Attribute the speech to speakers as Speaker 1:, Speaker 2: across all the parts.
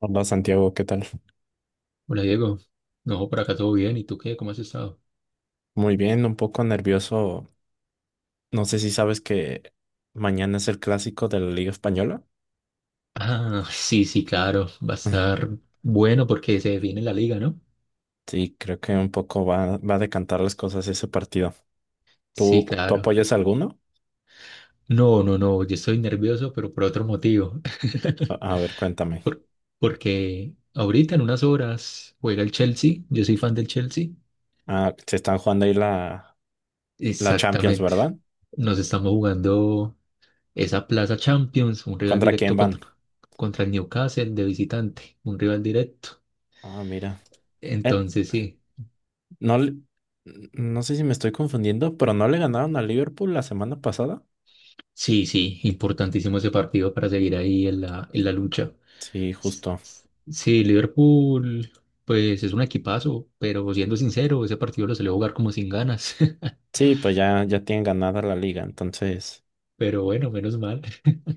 Speaker 1: Hola Santiago, ¿qué tal?
Speaker 2: Hola Diego, no, por acá todo bien, ¿y tú qué? ¿Cómo has estado?
Speaker 1: Muy bien, un poco nervioso. No sé si sabes que mañana es el clásico de la Liga Española.
Speaker 2: Ah, sí, sí, claro, va a estar bueno porque se define la liga, ¿no?
Speaker 1: Sí, creo que un poco va a decantar las cosas ese partido.
Speaker 2: Sí,
Speaker 1: ¿Tú
Speaker 2: claro.
Speaker 1: apoyas a alguno?
Speaker 2: No, no, no, yo estoy nervioso, pero por otro motivo.
Speaker 1: A, a ver, cuéntame.
Speaker 2: Por- porque ahorita en unas horas juega el Chelsea, yo soy fan del Chelsea.
Speaker 1: Ah, se están jugando ahí la Champions,
Speaker 2: Exactamente.
Speaker 1: ¿verdad?
Speaker 2: Nos estamos jugando esa Plaza Champions, un rival
Speaker 1: ¿Contra quién
Speaker 2: directo
Speaker 1: van?
Speaker 2: contra el Newcastle de visitante, un rival directo.
Speaker 1: Ah, mira. Eh,
Speaker 2: Entonces sí.
Speaker 1: no, no sé si me estoy confundiendo, pero ¿no le ganaron a Liverpool la semana pasada?
Speaker 2: Sí, sí, importantísimo ese partido para seguir ahí en la lucha.
Speaker 1: Sí,
Speaker 2: S-
Speaker 1: justo.
Speaker 2: s- Sí, Liverpool, pues es un equipazo, pero siendo sincero, ese partido lo salió a jugar como sin ganas.
Speaker 1: Sí, pues ya tienen ganada la liga, entonces.
Speaker 2: Pero bueno, menos mal.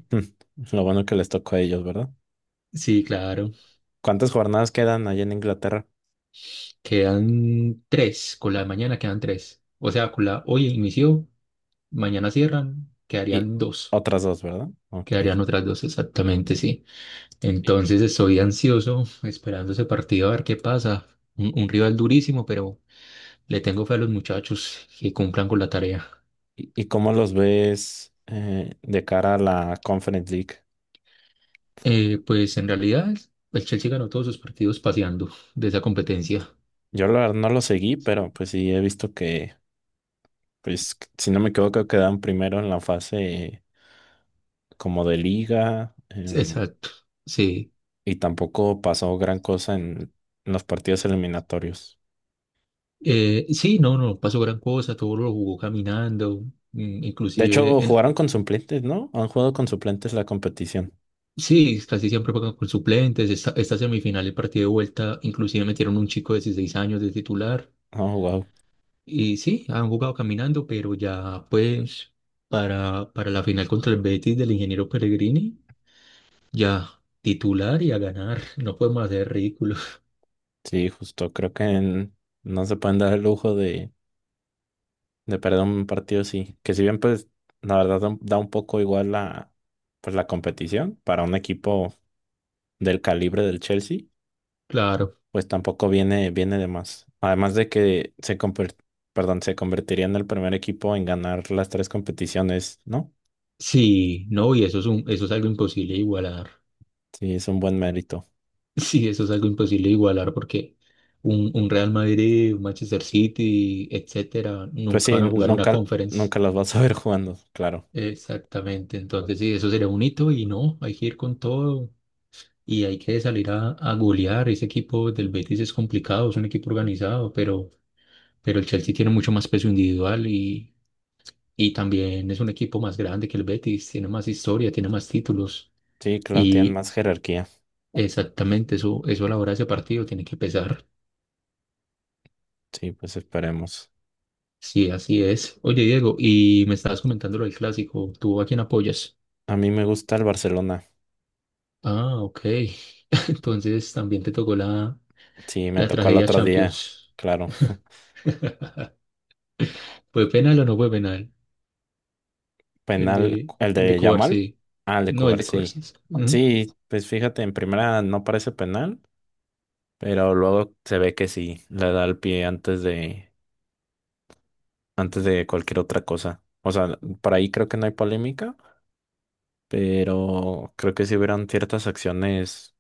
Speaker 1: Lo bueno que les tocó a ellos, ¿verdad?
Speaker 2: Sí, claro.
Speaker 1: ¿Cuántas jornadas quedan allá en Inglaterra?
Speaker 2: Quedan tres, con la de mañana quedan tres. O sea, con la hoy inició, mañana cierran,
Speaker 1: Y
Speaker 2: quedarían dos.
Speaker 1: otras dos, ¿verdad? Ok.
Speaker 2: Quedarían otras dos, exactamente, sí.
Speaker 1: ¿Y,
Speaker 2: Entonces estoy ansioso, esperando ese partido a ver qué pasa. Un rival durísimo, pero le tengo fe a los muchachos que cumplan con la tarea.
Speaker 1: y cómo los ves de cara a la Conference League?
Speaker 2: Pues en realidad el Chelsea ganó todos sus partidos paseando de esa competencia.
Speaker 1: Yo la verdad no lo seguí, pero pues sí he visto que, pues si no me equivoco, quedaron primero en la fase como de liga,
Speaker 2: Exacto, sí.
Speaker 1: y tampoco pasó gran cosa en los partidos eliminatorios.
Speaker 2: Sí, no, no pasó gran cosa, todo lo jugó caminando, mm,
Speaker 1: De hecho,
Speaker 2: inclusive, en,
Speaker 1: jugaron con suplentes, ¿no? Han jugado con suplentes la competición.
Speaker 2: sí, casi siempre juegan con suplentes. Esta semifinal, el partido de vuelta, inclusive metieron un chico de 16 años de titular.
Speaker 1: Oh, wow.
Speaker 2: Y sí, han jugado caminando, pero ya pues para la final contra el Betis del ingeniero Peregrini. Ya, titular y a ganar. No podemos hacer ridículos.
Speaker 1: Sí, justo, creo que no se pueden dar el lujo de perder un partido así, que si bien pues la verdad da un poco igual la, pues, la competición para un equipo del calibre del Chelsea,
Speaker 2: Claro.
Speaker 1: pues tampoco viene de más. Además de que perdón, se convertiría en el primer equipo en ganar las tres competiciones, ¿no?
Speaker 2: Sí, no, y eso es algo imposible de igualar.
Speaker 1: Sí, es un buen mérito.
Speaker 2: Sí, eso es algo imposible de igualar porque un Real Madrid, un Manchester City, etcétera,
Speaker 1: Pues
Speaker 2: nunca
Speaker 1: sí,
Speaker 2: van a jugar una
Speaker 1: nunca,
Speaker 2: conference.
Speaker 1: nunca los vas a ver jugando, claro.
Speaker 2: Exactamente. Entonces, sí, eso sería un hito y no, hay que ir con todo y hay que salir a golear. Ese equipo del Betis es complicado, es un equipo organizado, pero el Chelsea tiene mucho más peso individual. Y también es un equipo más grande que el Betis, tiene más historia, tiene más títulos.
Speaker 1: Sí, claro, tienen
Speaker 2: Y
Speaker 1: más jerarquía.
Speaker 2: exactamente eso, eso a la hora de ese partido tiene que pesar.
Speaker 1: Sí, pues esperemos.
Speaker 2: Sí, así es. Oye, Diego, y me estabas comentando lo del clásico. ¿Tú a quién apoyas?
Speaker 1: A mí me gusta el Barcelona.
Speaker 2: Ah, ok. Entonces también te tocó la,
Speaker 1: Sí, me
Speaker 2: la
Speaker 1: tocó el
Speaker 2: tragedia
Speaker 1: otro día,
Speaker 2: Champions.
Speaker 1: claro.
Speaker 2: ¿Fue penal o no fue penal? El
Speaker 1: Penal,
Speaker 2: de,
Speaker 1: el
Speaker 2: el de
Speaker 1: de Yamal.
Speaker 2: Cubarsí.
Speaker 1: Ah, el de
Speaker 2: No, el de
Speaker 1: Cubarsí.
Speaker 2: Cubarsí.
Speaker 1: Sí, sí, pues fíjate, en primera no parece penal, pero luego se ve que sí, le da el pie antes de cualquier otra cosa. O sea, por ahí creo que no hay polémica, pero creo que sí hubieron ciertas acciones,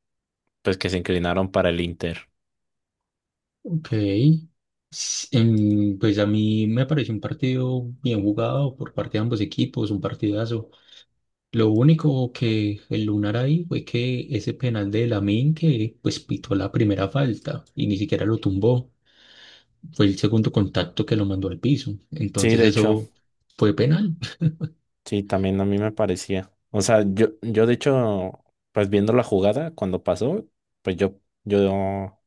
Speaker 1: pues que se inclinaron para el Inter.
Speaker 2: Ok. Pues a mí me pareció un partido bien jugado por parte de ambos equipos, un partidazo. Lo único que el Lunar ahí fue que ese penal de Lamine que pues pitó la primera falta y ni siquiera lo tumbó. Fue el segundo contacto que lo mandó al piso.
Speaker 1: Sí,
Speaker 2: Entonces
Speaker 1: de hecho,
Speaker 2: eso fue penal.
Speaker 1: sí, también a mí me parecía. O sea, yo de hecho, pues viendo la jugada cuando pasó, pues yo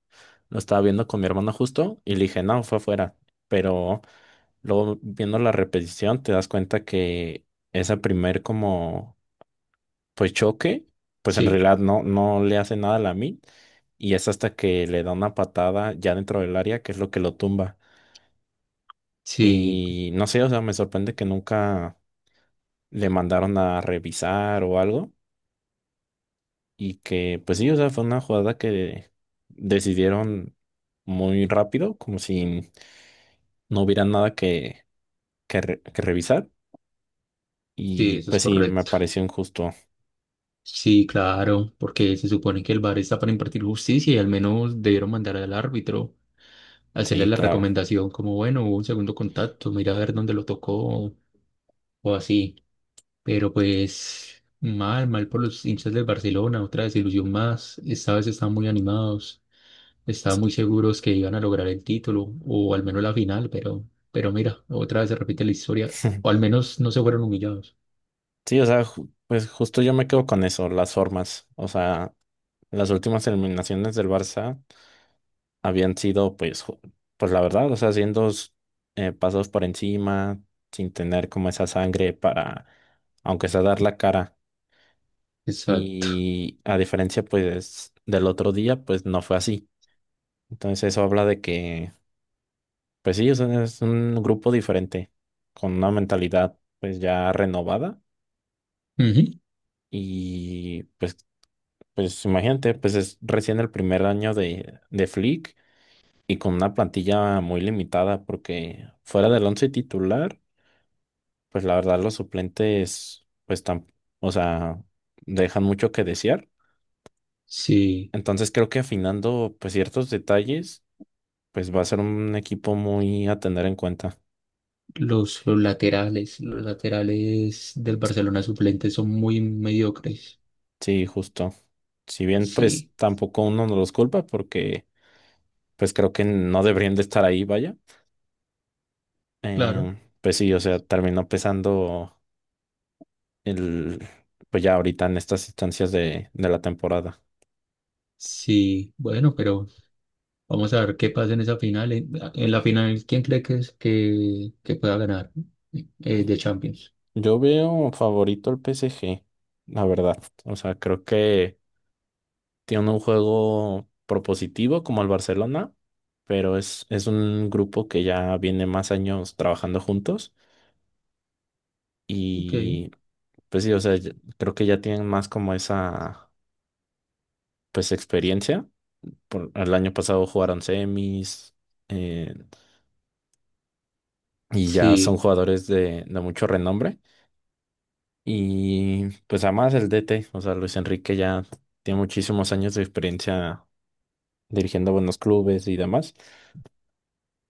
Speaker 1: lo estaba viendo con mi hermano justo y le dije, no, fue afuera. Pero luego viendo la repetición te das cuenta que esa primer como pues choque, pues en
Speaker 2: Sí,
Speaker 1: realidad no le hace nada a la mid y es hasta que le da una patada ya dentro del área que es lo que lo tumba.
Speaker 2: sí,
Speaker 1: Y no sé, o sea, me sorprende que nunca le mandaron a revisar o algo y que pues sí, o sea, fue una jugada que decidieron muy rápido, como si no hubiera nada que que revisar.
Speaker 2: sí,
Speaker 1: Y
Speaker 2: eso es
Speaker 1: pues sí, me
Speaker 2: correcto.
Speaker 1: pareció injusto.
Speaker 2: Sí, claro, porque se supone que el VAR está para impartir justicia y al menos debieron mandar al árbitro hacerle
Speaker 1: Sí,
Speaker 2: la
Speaker 1: claro.
Speaker 2: recomendación como, bueno, hubo un segundo contacto, mira a ver dónde lo tocó, o o así. Pero pues mal, mal por los hinchas del Barcelona, otra desilusión más. Esta vez estaban muy animados, estaban
Speaker 1: Sí.
Speaker 2: muy seguros que iban a lograr el título o al menos la final, pero mira, otra vez se repite la historia, o al menos no se fueron humillados.
Speaker 1: Sí, o sea, pues justo yo me quedo con eso, las formas. O sea, las últimas eliminaciones del Barça habían sido, pues, pues la verdad, o sea, haciendo pasos por encima, sin tener como esa sangre para, aunque sea dar la cara.
Speaker 2: Exacto.
Speaker 1: Y a diferencia, pues, del otro día, pues no fue así. Entonces eso habla de que pues sí, es un, grupo diferente, con una mentalidad pues ya renovada
Speaker 2: Ujú.
Speaker 1: y pues imagínate, pues es recién el primer año de Flick y con una plantilla muy limitada porque fuera del once titular, pues la verdad los suplentes pues tan, o sea, dejan mucho que desear.
Speaker 2: Sí,
Speaker 1: Entonces creo que afinando pues ciertos detalles, pues va a ser un equipo muy a tener en cuenta.
Speaker 2: los laterales, los laterales del Barcelona suplentes son muy mediocres.
Speaker 1: Sí, justo. Si bien, pues
Speaker 2: Sí,
Speaker 1: tampoco uno no los culpa porque, pues creo que no deberían de estar ahí, vaya.
Speaker 2: claro.
Speaker 1: Pues sí, o sea, terminó pesando el, pues ya ahorita en estas instancias de la temporada.
Speaker 2: Sí, bueno, pero vamos a ver qué pasa en esa final. En la final, ¿quién cree que pueda ganar de Champions?
Speaker 1: Yo veo favorito al PSG, la verdad. O sea, creo que tiene un juego propositivo como el Barcelona, pero es un grupo que ya viene más años trabajando juntos
Speaker 2: Ok,
Speaker 1: y pues sí, o sea, creo que ya tienen más como esa, pues, experiencia. Por, el año pasado jugaron semis eh, y ya son
Speaker 2: sí.
Speaker 1: jugadores de mucho renombre. Y pues además el DT, o sea, Luis Enrique ya tiene muchísimos años de experiencia dirigiendo buenos clubes y demás.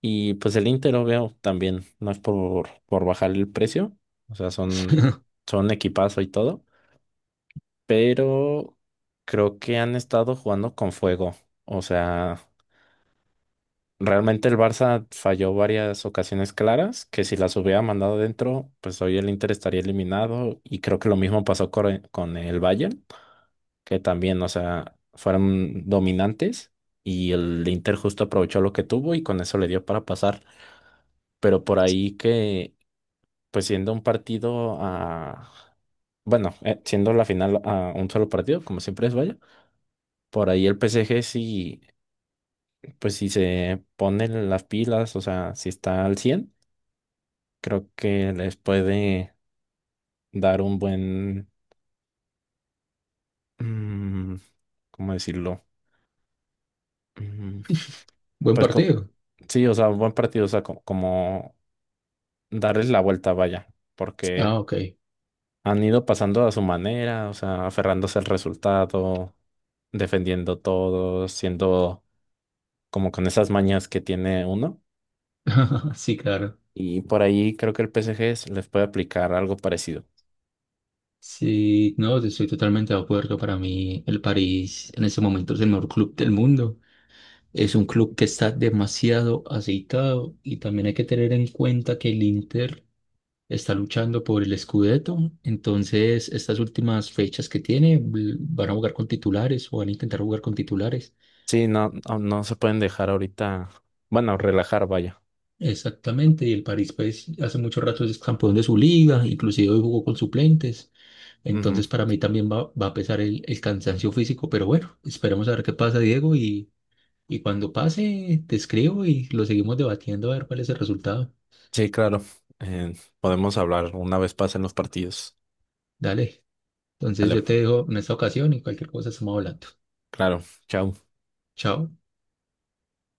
Speaker 1: Y pues el Inter, obvio, también no es por bajar el precio, o sea, son, son equipazo y todo, pero creo que han estado jugando con fuego, o sea... Realmente el Barça falló varias ocasiones claras que si las hubiera mandado dentro, pues hoy el Inter estaría eliminado y creo que lo mismo pasó con, con el Bayern, que también, o sea, fueron dominantes y el Inter justo aprovechó lo que tuvo y con eso le dio para pasar. Pero por ahí que, pues siendo un partido a, bueno, siendo la final a un solo partido, como siempre es, vaya, por ahí el PSG sí, pues si se pone las pilas, o sea, si está al 100 creo que les puede dar un buen, mm, ¿cómo decirlo? Mm,
Speaker 2: Buen
Speaker 1: Pues
Speaker 2: partido.
Speaker 1: sí, o sea, un buen partido, o sea, como, darles la vuelta, vaya, porque
Speaker 2: Ah, ok.
Speaker 1: han ido pasando a su manera, o sea, aferrándose al resultado, defendiendo todo, siendo como con esas mañas que tiene uno.
Speaker 2: Sí, claro.
Speaker 1: Y por ahí creo que el PSG les puede aplicar algo parecido.
Speaker 2: Sí, no, estoy totalmente de acuerdo. Para mí, el París en este momento es el mejor club del mundo. Es un club que está demasiado aceitado y también hay que tener en cuenta que el Inter está luchando por el Scudetto, entonces estas últimas fechas que tiene van a jugar con titulares o van a intentar jugar con titulares.
Speaker 1: Sí, no, no, no se pueden dejar ahorita, bueno, relajar, vaya.
Speaker 2: Exactamente, y el París pues hace mucho rato es campeón de su liga, inclusive hoy jugó con suplentes,
Speaker 1: Ujú.
Speaker 2: entonces para mí también va a pesar el cansancio físico, pero bueno, esperemos a ver qué pasa, Diego, y cuando pase te escribo y lo seguimos debatiendo a ver cuál es el resultado.
Speaker 1: Sí, claro. Eh, Podemos hablar una vez pasen los partidos.
Speaker 2: Dale, entonces
Speaker 1: Vale,
Speaker 2: yo te dejo en esta ocasión y cualquier cosa estamos hablando.
Speaker 1: claro. Chao.
Speaker 2: Chao.